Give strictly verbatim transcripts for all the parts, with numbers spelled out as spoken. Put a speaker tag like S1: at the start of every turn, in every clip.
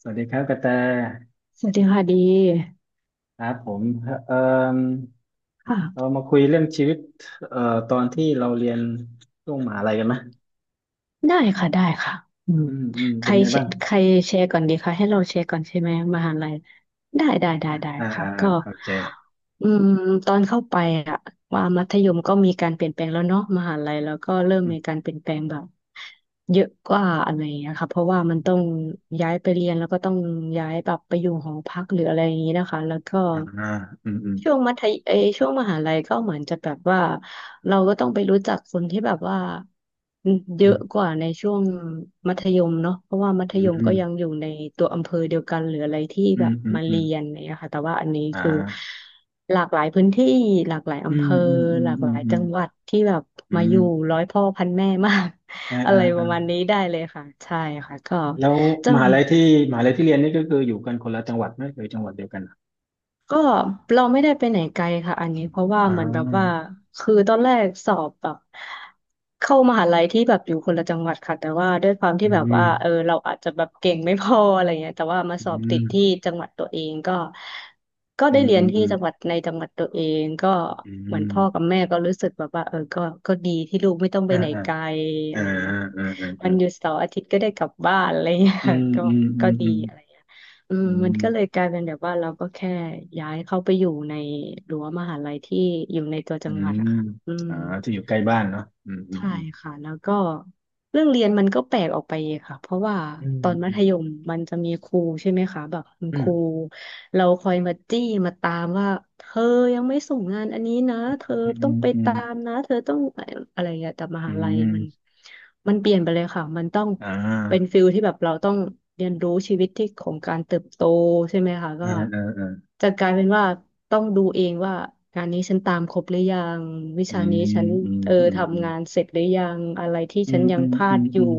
S1: สวัสดีครับกระแต
S2: สวัสดีค่ะดี
S1: ครับผมเอ่อเรา
S2: ค่ะ
S1: มาคุยเรื่องชีวิตเอ่อตอนที่เราเรียนช่วงมหาลัยกันไหม
S2: ได้ค่ะได้ค่ะอืม
S1: อืมอืม
S2: ใค
S1: เป็
S2: ร
S1: นไง
S2: แช
S1: บ้าง
S2: ร์ใครแชร์ก่อนดีคะให้เราแชร์ก่อนใช่ไหมมหาลัยได้ได้ได้ได้
S1: อ่า
S2: ค่ะ
S1: อ่าอ่า
S2: ก็
S1: โอเค
S2: อืมตอนเข้าไปอะว่ามัธยมก็มีการเปลี่ยนแปลงแล้วเนาะมหาลัยแล้วก็เริ่ม
S1: อืม
S2: มีการเปลี่ยนแปลงแบบเยอะกว่าอะไรอย่างเงี้ยค่ะเพราะว่ามันต้องย้ายไปเรียนแล้วก็ต้องย้ายแบบไปอยู่หอพักหรืออะไรอย่างงี้นะคะแล้วก็
S1: อ่าอืมอืม
S2: ช่วงมัธยเอยช่วงมหาลัยก็เหมือนจะแบบว่าเราก็ต้องไปรู้จักคนที่แบบว่า เย
S1: อื
S2: อะ
S1: ม
S2: กว่าในช่วงมัธยมเนาะเพราะว่ามัธ
S1: อื
S2: ยม
S1: ม
S2: ก็ยังอยู่ในตัวอำเภอเดียวกันหรืออะไรที่
S1: อื
S2: แบ
S1: ม
S2: บ
S1: อืม
S2: มา
S1: อื
S2: เรี
S1: ม
S2: ยนเนี่ยค่ะแต่ว่าอันนี้
S1: อ่
S2: คือ
S1: า
S2: หลากหลายพื้นที่หลากหลาย
S1: อื
S2: อำเภ
S1: ม
S2: อ
S1: อืมอื
S2: ห
S1: ม
S2: ลาก
S1: อื
S2: ห
S1: ม
S2: ลาย
S1: อื
S2: จั
S1: ม
S2: งหวัดที่แบบ
S1: อื
S2: มาอ
S1: ม
S2: ยู่ร้อยพ่อพันแม่มาก
S1: อ่า
S2: อะ
S1: อ่า
S2: ไรประมาณ
S1: อ่า
S2: นี้ได้เลยค่ะใช่ค่ะก็
S1: แล้ว
S2: จะ
S1: มหาลัยที่มหาลัยที่เรียนนี่ก็คืออยู่กันคนละจังหวัดไหมหรือจังหวัดเดียวกันอะ
S2: ก็เราไม่ได้ไปไหนไกลค่ะอันนี้เพราะว่า
S1: อ่
S2: เหมือนแบบว่า
S1: า
S2: คือตอนแรกสอบแบบเข้ามหาลัยที่แบบอยู่คนละจังหวัดค่ะแต่ว่าด้วยความที่
S1: อื
S2: แบบว่าเออ
S1: ม
S2: เราอาจจะแบบเก่งไม่พออะไรเงี้ยแต่ว่ามาสอ
S1: อื
S2: บติ
S1: ม
S2: ดที่จังหวัดตัวเองก็ก็
S1: อื
S2: ได้
S1: ม
S2: เรี
S1: อื
S2: ยน
S1: ม
S2: ที่
S1: อืม
S2: จังหวัดในจังหวัดตัวเองก็
S1: อื
S2: เหมือนพ่อกับ
S1: ม
S2: แม่ก็รู้สึกแบบว่าเออก็ก็ดีที่ลูกไม่ต้องไป
S1: อ่า
S2: ไหน
S1: อ่า
S2: ไกลอะ
S1: อ่า
S2: ไรเงี้ยค่ะ
S1: อ่าอ
S2: วันหยุด
S1: ่า
S2: เสาร์อาทิตย์ก็ได้กลับบ้านอะไรเงี้ย
S1: อื
S2: ค่ะ
S1: ม
S2: ก็
S1: อืมอื
S2: ก็
S1: ม
S2: ดี
S1: อืม
S2: อะไรเงี้ย อืม
S1: อื
S2: มัน
S1: ม
S2: ก็เลยกลายเป็นแบบว่าเราก็แค่ย้ายเข้าไปอยู่ในรั้วมหาลัยที่อยู่ในตัวจั
S1: อื
S2: งหวัด
S1: ม
S2: อะค่ะอืม
S1: อ่าที่อยู่ใกล้บ้านเนาะอืมอืม
S2: ใช่
S1: อืม
S2: ค่ะแล้วก็เรื่องเรียนมันก็แปลกออกไปอีกค่ะเพราะว่า
S1: อื
S2: ตอนมัธย
S1: ม
S2: มมันจะมีครูใช่ไหมคะแบบคุณ
S1: อื
S2: ค
S1: ม
S2: รูเราคอยมาจี้มาตามว่าเธอยังไม่ส่งงานอันนี้นะเธอ
S1: อื
S2: ต้อง
S1: ม
S2: ไป
S1: อืม
S2: ตามนะเธอต้องอะไรอย่างเงี้ยแต่ม
S1: อื
S2: หา
S1: ม
S2: ลัย
S1: อืม
S2: มันมันเปลี่ยนไปเลยค่ะมันต้อง
S1: อ่า
S2: เป็นฟิลที่แบบเราต้องเรียนรู้ชีวิตที่ของการเติบโตใช่ไหมคะก็
S1: อ่าอ่าอ่า
S2: จะกลายเป็นว่าต้องดูเองว่างานนี้ฉันตามครบหรือยังวิ
S1: อื
S2: ชานี้ฉั
S1: ม
S2: น
S1: อืม
S2: เออ
S1: อืมอื
S2: ทำงานเสร็จหรือยังอะไรที่
S1: มอื
S2: ฉัน
S1: ม
S2: ยั
S1: อื
S2: งพลาด
S1: ม
S2: อ
S1: อื
S2: ยู่
S1: ม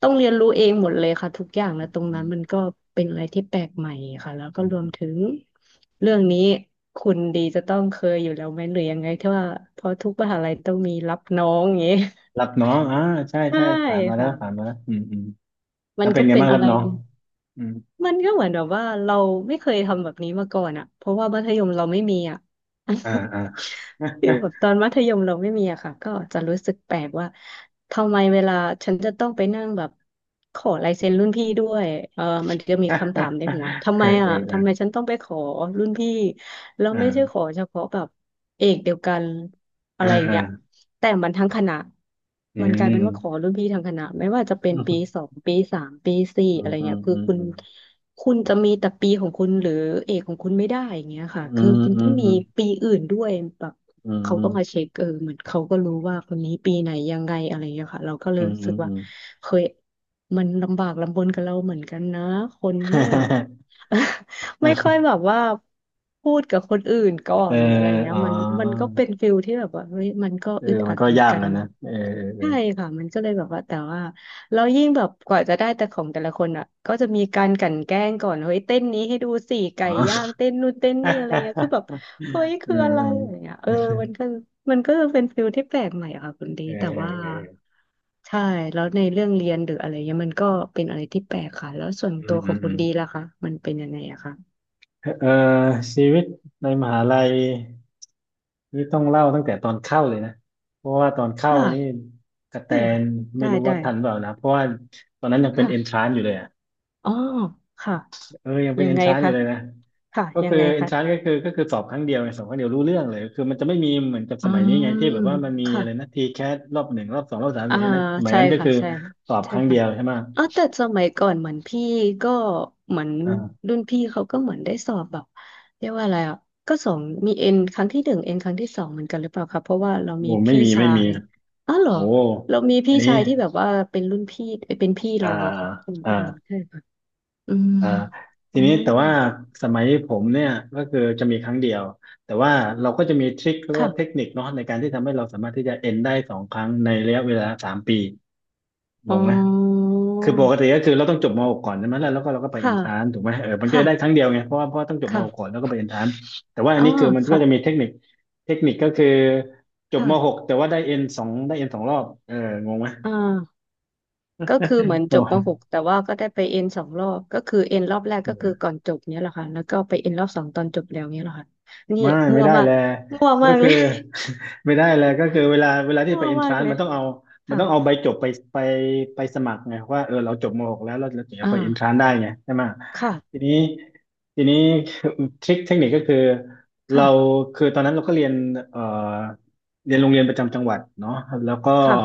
S2: ต้องเรียนรู้เองหมดเลยค่ะทุกอย่างนะตรงนั้นมันก็เป็นอะไรที่แปลกใหม่ค่ะแล้วก็
S1: อื
S2: รวมถึ
S1: ม
S2: งเรื่องนี้คุณดีจะต้องเคยอยู่แล้วไหมหรือยังไงที่ว่าเพราะทุกมหาลัยต้องมีรับน้องอย่างงี้
S1: รับ น้องอ่าใช่
S2: ใช่
S1: ใช่ผ่านมาแล้ว
S2: ค่ะ
S1: ผ่านมาแล้วอืมอืม
S2: มั
S1: แล้
S2: น
S1: วเป็
S2: ก็
S1: นไง
S2: เป็น
S1: บ้าง
S2: อะ
S1: รับ
S2: ไร
S1: น้องอืม
S2: มันก็เหมือนแบบว่าเราไม่เคยทำแบบนี้มาก่อนอะเพราะว่ามัธยมเราไม่มีอะ
S1: อ่าอ่า
S2: ฟิลแบบตอนมัธยมเราไม่มีอะค่ะก็จะรู้สึกแปลกว่าทำไมเวลาฉันจะต้องไปนั่งแบบขอลายเซ็นรุ่นพี่ด้วยเออมันจะมีคำถาม ในหัวทำ
S1: เอ
S2: ไม
S1: อเอ
S2: อะ
S1: อเอ
S2: ทำไม
S1: อ
S2: ฉันต้องไปขอรุ่นพี่แล้วไม่ใช่ข
S1: อ่า
S2: อเฉพาะแบบเอกเดียวกันอะ
S1: อ่า
S2: ไรอย่าง
S1: อ่า
S2: เงี้ยแต่มันทั้งคณะ
S1: อื
S2: มั
S1: ม
S2: นกลา
S1: อื
S2: ยเป็
S1: ม
S2: นว่าขอรุ่นพี่ทั้งคณะไม่ว่าจะเป็นปีสองปีสามปีสี่
S1: อื
S2: อะ
S1: ม
S2: ไร
S1: อื
S2: เงี้
S1: ม
S2: ยคือ
S1: อืม
S2: คุณ
S1: อื
S2: คุณจะมีแต่ปีของคุณหรือเอกของคุณไม่ได้อย่างเงี้ยค่ะ
S1: ม
S2: คื
S1: อื
S2: อคุณต้องมี
S1: ม
S2: ปีอื่นด้วยแบบ
S1: อื
S2: เขาก็
S1: ม
S2: มาเช็คเออเหมือนเขาก็รู้ว่าคนนี้ปีไหนยังไงอะไรอย่างเงี้ยค่ะเราก็เล
S1: อื
S2: ย
S1: ม
S2: รู้
S1: อื
S2: สึก
S1: ม
S2: ว่า
S1: อืม
S2: เคยมันลำบากลำบนกับเราเหมือนกันนะคนที่แบบ ไม่ค่อยแบบว่าพูดกับคนอื่นก่อ
S1: เอ
S2: น
S1: อ
S2: หรืออะไรเงี้ย
S1: อ๋อ
S2: มันมันก็เป็นฟิลที่แบบว่าเฮ้ยมันก็
S1: เออ
S2: อึด
S1: มั
S2: อั
S1: น
S2: ด
S1: ก็
S2: เหมือน
S1: ยาก
S2: กัน
S1: นะนะเออเออเออ
S2: ใช่ค่ะมันก็เลยแบบว่าแต่ว่า แล้วยิ่งแบบกว่าจะได้แต่ของแต่ละคนอ่ะก็จะมีการกลั่นแกล้งก่อนเฮ้ยเต้นนี้ให้ดูสิไก่
S1: อ๋อ
S2: ย่างเต้นนู่นเต้นนี่อะไรเงี้ยคือแบบเฮ้ย
S1: เ
S2: คืออะไรอะไร
S1: ออ
S2: เงี้ยเออมันก็มันก็เป็นฟิลที่แปลกใหม่อะค่ะคุณดี
S1: เออ
S2: แต่
S1: เอ
S2: ว่า
S1: อเออเออ
S2: ใช่แล้วในเรื่องเรียนหรืออะไรเงี้ยมันก็เป็นอะไรที่แปลกค่ะแล้วส่วน
S1: อื
S2: ตั
S1: ม
S2: วข
S1: อื
S2: อง
S1: มอื
S2: คุณ
S1: ม
S2: ดีล่ะคะมันเป็นยังไงอะคะ
S1: เออชีวิตในมหาลัยนี่ต้องเล่าตั้งแต่ตอนเข้าเลยนะ เพราะว่าตอนเข้านี่
S2: ค่ะ
S1: กระแต
S2: ได้
S1: น
S2: ค่ะ
S1: ไม่
S2: ได้
S1: รู้
S2: ได้
S1: ว่าทันเปล่านะ เพราะว่าตอนนั้นยังเป็นเอนท
S2: ค่ะ
S1: รานอยู่เลยอ่ะ
S2: อ๋อค่ะ
S1: เออยังเป็น
S2: ยังไง
S1: entrance อ
S2: คะ
S1: ยู่เลยนะ
S2: ค่ะ
S1: ก็
S2: ยั
S1: คื
S2: ง
S1: อ
S2: ไงคะ
S1: entrance ก็คือก็คือสอบครั้งเดียวไงสอบครั้งเดียวรู้เรื่องเลยคือมันจะไม่มีเหมือนกับ
S2: อื
S1: สมัยนี้
S2: ม
S1: ไงที่แบบว่ามันมี
S2: ค่ะ
S1: อะไรนะที c ค t รอบหนึ่งรอบสองรอบสาม
S2: อ่า
S1: สี่นะสมัย
S2: ใช่
S1: นั้นก็
S2: ค่ะ
S1: คือ
S2: ใช่ค่ะ
S1: สอบ
S2: ใช่
S1: ครั้งเดี
S2: ค่ะ
S1: ยวใช่ไหม
S2: อ๋อแต่สมัยก่อนเหมือนพี่ก็เหมือน
S1: อ่า
S2: รุ่นพี่เขาก็เหมือนได้สอบแบบเรียกว่าอะไรอ่ะก็สองมีเอ็นครั้งที่หนึ่งเอ็นครั้งที่สองเหมือนกันหรือเปล่าคะเพราะว่าเรามี
S1: โอ้ไม่
S2: พี่
S1: มี
S2: ชา
S1: ไม่มี
S2: ยอ๋อเหรอ
S1: โอ้
S2: เรามี
S1: อั
S2: พี่
S1: นนี้
S2: ชายที่แบบว่าเป็นรุ่นพี่เอ้ยเป็นพี่
S1: อ่า
S2: เราอะค่ะอืม
S1: อ่า
S2: อืมใช่ค่ะอืม
S1: อ่า
S2: อื
S1: ทีนี้
S2: ม
S1: แต่ว่าสมัยผมเนี่ยก็คือจะมีครั้งเดียวแต่ว่าเราก็จะมีทริคหรือว่า
S2: ค่ะ
S1: เทคนิคเนาะในการที่ทำให้เราสามารถที่จะเอ็นได้สองครั้งในระยะเวลาสามปีง
S2: อ๋อ
S1: งไหม คือปกติก็คือเราต้องจบม .หก กก่อนใช่ไหมแล้วแล้วก็เราก็ไปเอ
S2: ค่ะ
S1: นทรานถูกไหมเออมันก็ได้ครั้ง
S2: ค่ะ
S1: เดียวไงเพราะว่าเพราะว่าต้องจบม .หก กก่อ
S2: ค่ะ
S1: นแล้วก็ไปเอนทรานแต่ว่าอั
S2: อ่า
S1: นนี้คือมันก็
S2: ค่ะ
S1: จะมีเทคนิคเทคนิคก็คือจบม .หก
S2: ค่ะ
S1: แต่ว่าได้เอ็นสองได้เอ็นสองรอบเอองงไหม
S2: อ่า ก็คือเหมือน
S1: โอ
S2: จบมหก
S1: ้
S2: แต่ว่าก็ได้ไปเอ็นสองรอบก็คือเอ็นรอบแรกก็คือก่อนจบเนี้ยแหละค่ะแล้วก็ไปเอ็นรอบสองตอนจบแล้วเนี้ยแหละค่ะนี่
S1: ไม่
S2: มั่
S1: ไม่
S2: ว
S1: ได้
S2: มาก
S1: แลย
S2: มั่ว
S1: ก็
S2: มากเล
S1: คือ
S2: ย
S1: ไม่ได้แลก็คือเวลาเวลา ที่
S2: มั่
S1: ไป
S2: ว
S1: เอนท
S2: มา
S1: รา
S2: ก
S1: น
S2: เล
S1: มั
S2: ย
S1: นต้องเอามันต้องเอาใบ
S2: ค่ะ
S1: จบไปไปไปสมัครไงว่าเออเราจบมหกแล้วเราเราถึงจะ
S2: อ่า
S1: ไปเอนทรานได้ไงใช่ไหมที
S2: ค่ะ
S1: นี้ทีนี้ ทริคเทคนิคก็คือเรา
S2: ค่ะ
S1: คือตอนนั้นเราก็เรียนเอ่อเรียนโรงเรียนประจำจังหวัดเนาะแล้วก็
S2: ค่ะ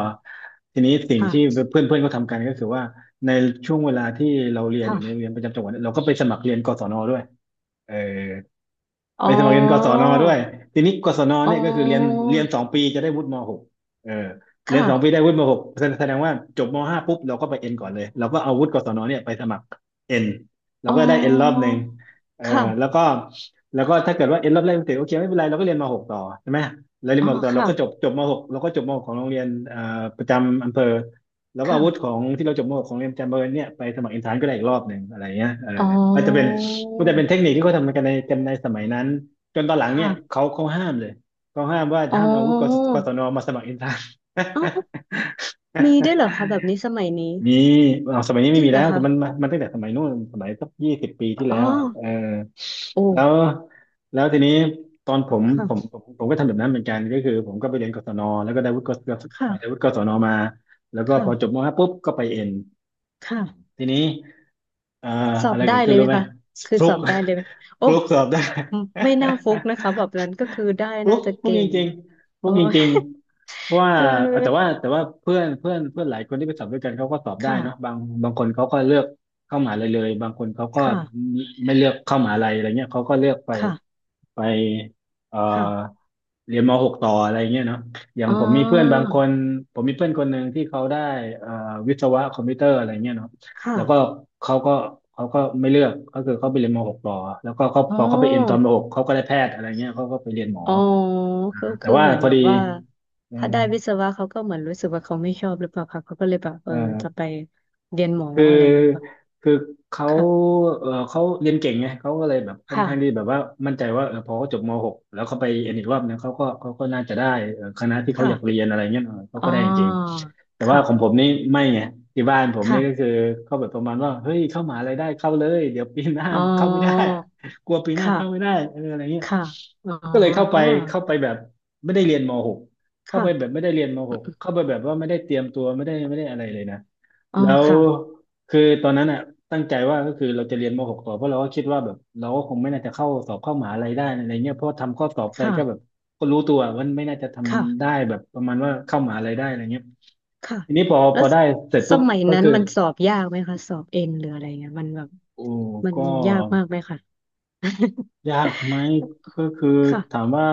S1: ทีนี้สิ่งที่
S2: ค่ะ
S1: เพื่อนเพื่อนเขาทำกันก็คือว่าในช่วงเวลาที่เราเรียนอยู่ในโรง
S2: ค่ะ
S1: เรียนประจำจังหวัดเนี่ยเราก็ไปสมัครเรียนกศนด้วยเออ
S2: อ๋
S1: ไปสมัครเรียนกศน
S2: อ
S1: ด้วยทีนี้กศน
S2: อ๋อ
S1: เนี่ยก็คือเรียนเรียนสองปีจะได้วุฒิมหกเออเรียนสองปี
S2: ค่ะ
S1: ได้วุฒิมหกแสดงว่าจบมห้าปุ๊บเราก็ไปเอ็นก่อนเลยเราก็เอาวุฒิกศนเนี่ยไปสมัครเอ็นเรา
S2: อ๋อ
S1: ก็ได้เอ็นรอบหนึ่งเออแล้ว
S2: ค่ะ
S1: ก็แล้วก็ถ้าเกิดว่าเอ็นรอบแรกไม่ติดโอเคไม่เป็นไรเราก็เรียนมหกต่อใช่ไหมเราเรียน
S2: อ๋อ
S1: มหกต่อเรา
S2: ค่ะ
S1: ก็จบจบมหกเราก็จบมหกของโรงเรียนอ่าประจำอำเภอแล้วก็
S2: ค่ะ
S1: เอาวุฒิของที่เราจบมหกของงเรียนประจำอำเภอเนี่ยไปสมัครอินทานก็ได้อีกรอบหนึ่งอะไรเงี้ยเออ
S2: อ๋อ
S1: ก็จะเป็น มันจะเป็นเทคนิคที่เขาทำกันในกันในสมัยนั้นจนตอนหลังเนี่ย
S2: ค่ะ
S1: เขาเขาห้ามเลยเขาห้ามว่า
S2: อ๋
S1: ห้า
S2: อ
S1: มเอาอาวุธกสกศนมาสมัครอินทราน
S2: เอ๋อมีได้วยเหรอคะแบบนี้สมัยนี้
S1: มีเอาสมัยนี้
S2: จ
S1: ไม่
S2: ริง
S1: มี
S2: เหร
S1: แล้
S2: อ
S1: วแต่มัน
S2: คะ
S1: มันมันตั้งแต่สมัยนู้นสมัยสักยี่สิบปีที่
S2: อ๋
S1: แล้
S2: อ
S1: วอะเออ
S2: โอ้
S1: แล้วแล้วทีนี้ตอนผมผม
S2: ค่ะ
S1: ผมผมก็ทำแบบนั้นเหมือนกันก็คือผมก็ไปเรียนกศนแล้วก็ได้วุฒิกศ
S2: ค่ะ
S1: ได้วุฒิกศนมาแล้วก็พอจบ
S2: ค่ะ
S1: มห้าปุ๊บก็ไปเอ็น
S2: ค่ะ
S1: ทีนี้เอ่อ
S2: สอ
S1: อะ
S2: บ
S1: ไร
S2: ได้
S1: เกิด
S2: เล
S1: ขึ้น
S2: ยไห
S1: รู้
S2: ม
S1: ไหม
S2: คะคือ
S1: ฟลุ
S2: ส
S1: ก
S2: อบได้เลยไหม
S1: ฟ
S2: โอ้
S1: ลุกสอบได้
S2: ไม่น่าฟุกนะคะแบบ นั้นก็คือได้
S1: ฟลุ
S2: น่า
S1: ก
S2: จะ
S1: ฟลุก
S2: เก่
S1: จ
S2: ง
S1: ริงๆฟลุ
S2: โอ้
S1: กจ ริง
S2: ย
S1: ๆเพราะว่า
S2: เอ
S1: เอ่อแต่ว่า
S2: อ
S1: แต่ว่าเพื่อนเพื่อนเพื่อนหลายคนที่ไปสอบด้วยกันเขาก็สอบได้
S2: ค่ะ
S1: เนาะบางบางคนเขาก็เลือกเข้ามหาลัยเลยบางคนเขาก็
S2: ค่ะ
S1: ไม่เลือกเข้ามหาลัยอะไรเงี้ยเขาก็เลือกไป
S2: ค่ะ
S1: ไปเอ่อ
S2: ค่ะ
S1: เรียนมหกต่ออะไรเงี้ยเนาะอย่า
S2: อ๋
S1: ง
S2: อ
S1: ผมมีเพื่อนบางคนผมมีเพื่อนคนหนึ่งที่เขาได้เอ่อวิศวะคอมพิวเตอร์อะไรเงี้ยเนาะ
S2: ค่ะ
S1: แล้วก็เขาก็เขาก็ไม่เลือกก็คือเขาไปเรียนมหกต่อแล้วก็เขา
S2: อ๋อ
S1: พอเขาไปเอ็นตอนมหกเขาก็ได้แพทย์อะไรเงี้ยเขาก็ไปเรียนหมอ
S2: อ๋อ
S1: อ่า
S2: ก็
S1: แต่
S2: คือ
S1: ว่า
S2: เหมือน
S1: พอ
S2: แบ
S1: ดี
S2: บว่า
S1: เออ
S2: ถ้าได้วิศวะเขาก็เหมือนรู้สึกว่าเขาไม่ชอบหรือเปล่าคะเขาก็เลยแบบเอ
S1: เอ
S2: อจะไป
S1: อ
S2: เรียนหมอ
S1: คือ
S2: อะไรอย่างงี้ป่ะ
S1: คือเขา
S2: ค่ะ
S1: เออเขาเรียนเก่งไงเขาก็เลยแบบค่อน
S2: ค่ะ
S1: ข้างที่แบบว่ามั่นใจว่าเออพอเขาจบม .หก แล้วเขาไปเอ็นอีกรอบเนี่ยเขาก็เขาก็น่าจะได้เออคณะที่เขาอ
S2: ค่ะ
S1: ยากเรียนอะไรเงี้ยเออเขา
S2: อ๋อ
S1: ก็ได้จริงๆแต่ว่า
S2: ค่ะ
S1: ของผมนี่ไม่ไงที่บ้านผมนี่ก็
S2: ค่ะ
S1: คือเขาแบบประมาณว่าเฮ้ยเข้ามหาลัยได้เข้าเลยเดี๋ยวปีหน้า
S2: อ๋อ
S1: เข้าไม่ได้ กลัวปีหน้าเข้าไม่
S2: ค่ะ
S1: ได้เอออะไรเงี้ย
S2: ค่ะอ๋อ
S1: ก็เลยเข้าไปเข้าไปแบบไม่ได้เรียนมหกเข้า
S2: ค่ะ
S1: ไปแบบไม่ได้เรียนมห
S2: อื
S1: ก
S2: ม
S1: เข้าไปแบบว่าไม่ได้เตรียมตัวไม่ได้ไม่ได้อะไรเลยนะ
S2: อ๋อ
S1: แล้ว
S2: ค่ะ
S1: คือตอนนั้นอ่ะตั้งใจว่าก็คือเราจะเรียนมหกต่อเพราะเราก็คิดว่าแบบเราก็คงไม่น่าจะเข้าสอบเข้ามหาลัยได้อะไรเงี้ยเพราะทำข้อสอบไป
S2: ค่ะ
S1: ก็แบบก็รู้ตัวว่าไม่น่าจะท
S2: ค่ะ
S1: ำได้แบบประมาณว่าเข้ามหาลัยได้อะไรเงี้ย
S2: ค่ะ
S1: ทีนี้พอพ
S2: แล้ว
S1: อได้เสร็จ
S2: ส
S1: ปุ๊บ
S2: มัย
S1: ก็
S2: นั้น
S1: คือ
S2: มันสอบยากไหมคะสอบเอ็นหรืออะไรเงี้ยมันแบบ
S1: โอ้
S2: มัน
S1: ก็
S2: ยากมากไหมคะ
S1: ยากไหมก็คือ
S2: ค่ะ
S1: ถามว่า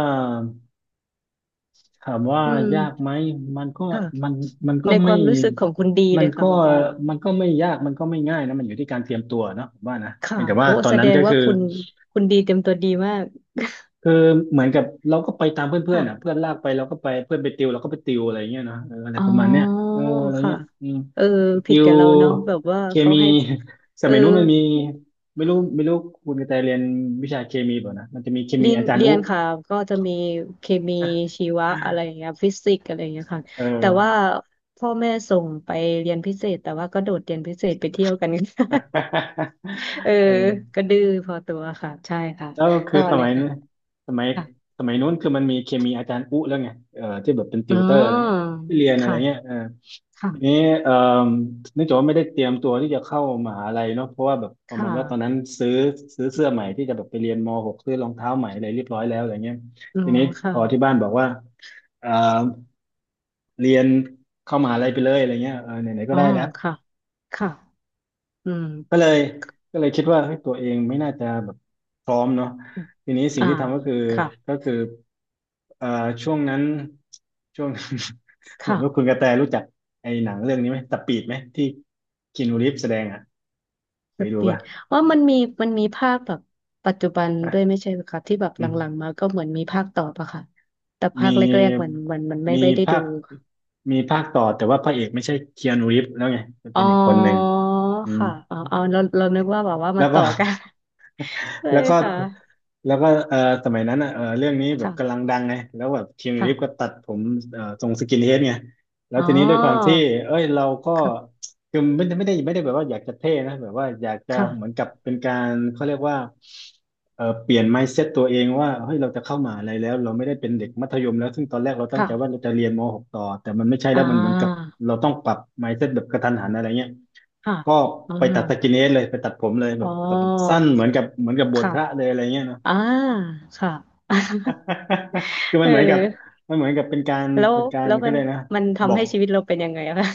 S1: ถามว่า
S2: อืม
S1: ยากไหมมันก็
S2: ค่ะ
S1: มันมันก็
S2: ในค
S1: ไม่
S2: วามรู้สึกของคุณดี
S1: มั
S2: เล
S1: น
S2: ยค่ะ
S1: ก็
S2: แบบว่า
S1: มันก็ไม่ยากมันก็ไม่ง่ายนะมันอยู่ที่การเตรียมตัวเนาะผมว่านะ
S2: ค่ะ
S1: เพียงแต่ว่า
S2: โอ้
S1: ตอน
S2: แส
S1: นั้
S2: ด
S1: น
S2: ง
S1: ก็
S2: ว่า
S1: คือ
S2: คุณคุณดีเต็มตัวดีมาก
S1: คือเหมือนกับเราก็ไปตามเพื่อน
S2: ค่ะ
S1: ๆอ่ะเพื่อนลากไปเราก็ไปเพื่อนไปติวเราก็ไปติวอะไรเงี้ยเนาะเอออะไร
S2: อ๋อ
S1: ประมาณเนี้ยเอออะไร
S2: ค่ะ
S1: เงี้ยอืม
S2: เออ
S1: ไป
S2: ผิ
S1: ติ
S2: ด
S1: ว
S2: กับเราเนาะแบบว่า
S1: เค
S2: เขา
S1: มี
S2: ให้
S1: ส
S2: เออ
S1: มัยนู้นมันมีไม่รู้ไม่รู้คุณกระแตเรียนวิชาเคมีเปล่านะมันจะมีเคมี
S2: เรียน
S1: อาจารย์
S2: เรี
S1: อุ๊
S2: ยนค่ะก็จะมีเคมีชีวะอะไรอย่างเงี้ยฟิสิกส์อะไรอย่างเงี้ยค่ะ
S1: เอ
S2: แต่ว่า
S1: อ
S2: พ่อแม่ส่งไปเรียนพิเศษแต่ว่าก็โดดเรียนพิเศษไปเที่ยวกัน เออ
S1: เออ
S2: ก็ดื้อพอตัวค่ะใช่ค่ะ
S1: แล้วคื
S2: ต่
S1: อ
S2: อ
S1: ส
S2: เล
S1: มั
S2: ย
S1: ย
S2: ค่ะ
S1: นั้นสมัย
S2: ค่ะ
S1: สมัยนู้นคือมันมีเคมีอาจารย์อุ๊แล้วไงเออที่แบบเป็นติ
S2: อ๋อ
S1: วเตอร์อะไรเงี้ยที่เรียนอะไรเงี้ย
S2: ค่ะ
S1: เออ ทีนี้
S2: ค่ะ
S1: เอ่อเนื่องจากว่าไม่ได้เตรียมตัวที่จะเข้ามหาลัยเนาะเพราะว่าแบบป
S2: ค
S1: ระมาณว่าตอนนั้
S2: ่ะ
S1: นซื้อซื้อเสื้อใหม่ที่จะแบบไปเรียนม .หก ซื้อรองเท้าใหม่อะไรเรียบร้อยแล้วอะไรเงี้ย
S2: อื
S1: ที
S2: ม
S1: นี้
S2: ค่ะ
S1: พอที่บ้านบอกว่าเอ่อเรียนเข้ามหาลัยไปเลยอะไรเงี้ยเออไหนๆก็
S2: อ๋อ
S1: ได้แล้ว
S2: ค่ะค่ะอืม
S1: ก็เลยก็เลยคิดว่าเฮ้ยตัวเองไม่น่าจะแบบพร้อมเนาะทีนี้สิ่ง
S2: อ่า
S1: ที่ทำก็คือ
S2: ค่ะ
S1: ก็คือเอ่อช่วงนั้นช่วง เหมือ
S2: ค่ะ
S1: นว่าคุณกระแตรู้จักไอ้หนังเรื่องนี้ไหมตะปีดไหมที่คีนูรีฟแสดงอ่ะเค
S2: ส
S1: ยดู
S2: ปี
S1: ปะ
S2: ดว่ามันมีมันมีภาคแบบปัจจุบันด้วย
S1: อ
S2: ไม่ใช่เหรอคะที่แบบห
S1: ืม
S2: ลังๆมาก็เหมือนมีภาคต่อปะค่ะแต่ภา
S1: มี
S2: คแรกๆเหมือนหมันมันไม่
S1: มี
S2: ไม่ได้
S1: ภา
S2: ดู
S1: คมีภาคต่อแต่ว่าพระเอกไม่ใช่เคียนูรีฟแล้วไงมัน
S2: อ๋อ
S1: เป็นอีกคนหนึ่งอืม
S2: ค่ะอ๋อเอ๋เราเรานึกว่าแบบว่ามั
S1: แล้
S2: น
S1: วก็
S2: ต่อกัน เล
S1: แล้ว
S2: ย
S1: ก็
S2: ค่ะ
S1: แล้วก็เออสมัยนั้นอ่ะเออเรื่องนี้แบบกำลัง
S2: ค่ะ
S1: ดังไงแล้วแบบคีนู
S2: ค่ะ
S1: รีฟก็ตัดผมเออทรงสกินเฮดไงแล้ว
S2: อ๋อ
S1: ทีนี้ด้วยความที่เอ้ยเราก็
S2: ค่ะ
S1: คือไม่ได้ไม่ได้ไม่ได้แบบว่าอยากจะเท่นะแบบว่าอยากจะเหมือน
S2: ค่ะ
S1: กับเป็นการเขาเรียกว่าเออเปลี่ยน mindset ตัวเองว่าเฮ้ยเราจะเข้ามหาอะไรแล้วเราไม่ได้เป็นเด็กมัธยมแล้วซึ่งตอนแรกเราตั้ง
S2: ค่ะ
S1: ใจว่าเราจะเรียนมหกต่อแต่มันไม่ใช่
S2: อ่
S1: แล้วมันเหมือนกับ
S2: า
S1: เราต้องปรับ mindset แบบกระทันหันอะไรเงี้ย
S2: ค่ะ
S1: ก็
S2: อ่า
S1: ไปตัดสกินเฮดเลยไปตัดผมเลยแบ
S2: อ๋อ
S1: บตัดแบบสั้นเหมือนกับเหมือนกับบวช
S2: ค่ะ
S1: พระเลยอะไรเงี้ยเนอะ
S2: อ่าค่ะ
S1: คือ มัน
S2: เอ
S1: เหมือนกับ
S2: อ
S1: มันเหมือนกับเป็นการ
S2: แล้ว
S1: เป็นการ
S2: แล้ว
S1: ก็
S2: มั
S1: เล
S2: น
S1: ยกนะ
S2: มัน
S1: บ
S2: ทำ
S1: อก
S2: ให้ชีวิตเราเป็นยังไงอะคะ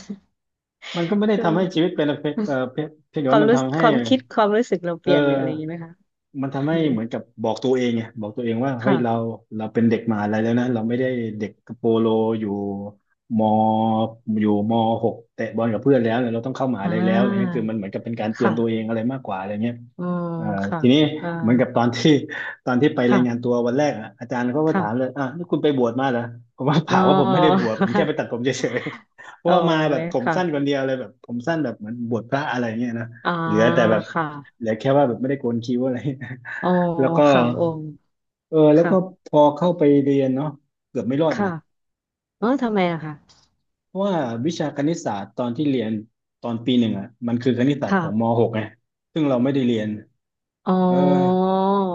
S1: มันก็ไม่ ได้
S2: คือ
S1: ทำให้ชีวิตเป็นอะไรเออเพียเพียงแต่
S2: ควา
S1: ว่า
S2: ม
S1: มัน
S2: รู้
S1: ทำให้
S2: ความคิดความรู้สึกเราเป
S1: เอ
S2: ลี่ยนหรืออะไรอย่างนี้ไห
S1: อ
S2: มคะ
S1: มันทำ
S2: อื
S1: ให้
S2: ม
S1: เหมือนกับบอกตัวเองไงบอกตัวเองว่าเฮ้ยเรา
S2: ค่ะ
S1: เราเป็นเด็กมหาลัยแล้วนะเราไม่ได้เด็กโปโลอยู่มอยู่มหกเตะบอลกับเพื่อนแล้วเนี่ยเราต้องเข้ามหา
S2: อ่
S1: ลัยแล้วอะไรเงี้ย
S2: า
S1: คือมันเหมือนกับเป็นการเตือน
S2: ค่ะ
S1: ตัวเองอะไรมากกว่าอะไรเงี้ย
S2: อ๋อ
S1: เอ่อ
S2: ค่ะ
S1: ทีนี้
S2: อ่า
S1: เหมือนกับตอนที่ ตอนที่ไปรายงาน
S2: ค่ะ
S1: ตัววันแรกอะอาจารย์เขาก็ถามเล
S2: ค่ะ
S1: ยอ่ะนี่คุณไปบวชมาเหรอผมว่าเป
S2: อ๋อ
S1: ล่าว่าผมไม่ได้บวชผมแค่ ไปตัดผมเฉยๆ เพ
S2: โอ้
S1: ราะว่ามาแบบ
S2: ย
S1: ผม
S2: ค่ะ
S1: สั้นคนเดียวเลยแบบผมสั้นแบบเหมือนบวชพระอะไรเงี้ยนะ
S2: อ่า
S1: เหลือแต่แบบ
S2: ค
S1: เห
S2: ่ะ
S1: ลือแค่ว่าแบบไม่ได้โกนคิ้วอะไร
S2: อ๋อ
S1: แล้วก็
S2: ค่ะโอ้
S1: เออแล้วก็
S2: ค่ะ
S1: พอเข้าไปเรียนเนาะเกือบไม่รอด
S2: ค่ะ
S1: นะ
S2: เออทำไมอะค่ะ
S1: เพราะว่าวิชาคณิตศาสตร์ตอนที่เรียนตอนปีหนึ่งอะมันคือคณิตศาสตร์ข
S2: ค่ะ
S1: องมหกไงซึ่งเราไม่ได้เรียน
S2: อ๋อ
S1: เออ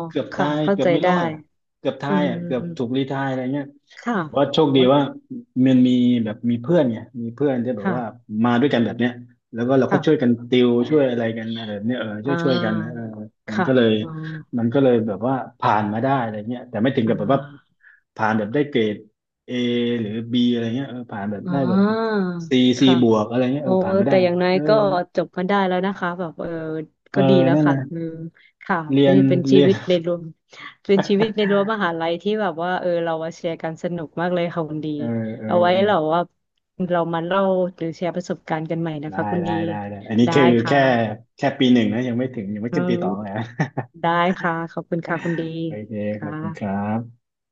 S1: เกือบตา
S2: ค่ะ
S1: ย
S2: เข้า
S1: เกือ
S2: ใจ
S1: บไม่ร
S2: ได้
S1: อดอะเกือบตา
S2: อื
S1: ยอ่ะ
S2: ม
S1: เกือบถูกรีไทร์อะไรเงี้ย
S2: ค่ะ
S1: แต่ว่าโชคดี
S2: โอ๊ย
S1: ว่ามันมีแบบมีเพื่อนไงมีเพื่อนที่แบบ
S2: ค่ะ
S1: ว่ามาด้วยกันแบบเนี้ยแล้วก็เราก็
S2: ค่ะ
S1: ช่วยกันติวช่วยอะไรกันอะไรแบบเนี้ยเออช่ว
S2: อ่า
S1: ยช่วยกันนะเออมัน
S2: ค่ะ
S1: ก็เลย
S2: อ๋อ
S1: มันก็เลยแบบว่าผ่านมาได้อะไรเงี้ยแต่ไม่ถึง
S2: อ่
S1: กับแบบว่า
S2: า
S1: ผ่านแบบได้เกรดเอหรือบีอะไรเงี้ยเออผ่านแบบ
S2: อ๋
S1: ได้แบบ
S2: อ
S1: ซีซี
S2: ค่ะ
S1: บวกอะไรเงี้ยเอ
S2: โอ้
S1: อผ่านไม่ได้
S2: แต่อย่างน้อย
S1: เออ
S2: ก็จบกันได้แล้วนะคะแบบเออ
S1: เอ
S2: ก็
S1: อ
S2: ดีแล้ว
S1: นั่น
S2: ค่ะ
S1: นะ
S2: คือค่ะ
S1: เรียน
S2: นี่เป็นชี
S1: เรีย
S2: วิ
S1: น
S2: ตในรั้วเป็นชีวิตในรั้วมหา ลัยที่แบบว่าเออเรามาแชร์กันสนุกมากเลยค่ะคุณดี
S1: เออเออ
S2: เอาไว้
S1: เออ
S2: เราว่าเรามาเล่าหรือแชร์ประสบการณ์กันใหม่นะ
S1: ได้
S2: คะคุณ
S1: ได้
S2: ดี
S1: ได้ได้ อันนี้
S2: ได้
S1: คือ
S2: ค่ะ
S1: แค่แค่ปีหนึ่งนะยังไม่ถึงยังไม่
S2: อื
S1: ขึ้นปีสองเลย
S2: ม
S1: นะ
S2: ได้ค่ะขอบคุณค่ะคุณดี
S1: โอเคขอ
S2: ค่ะ
S1: บคุณครับ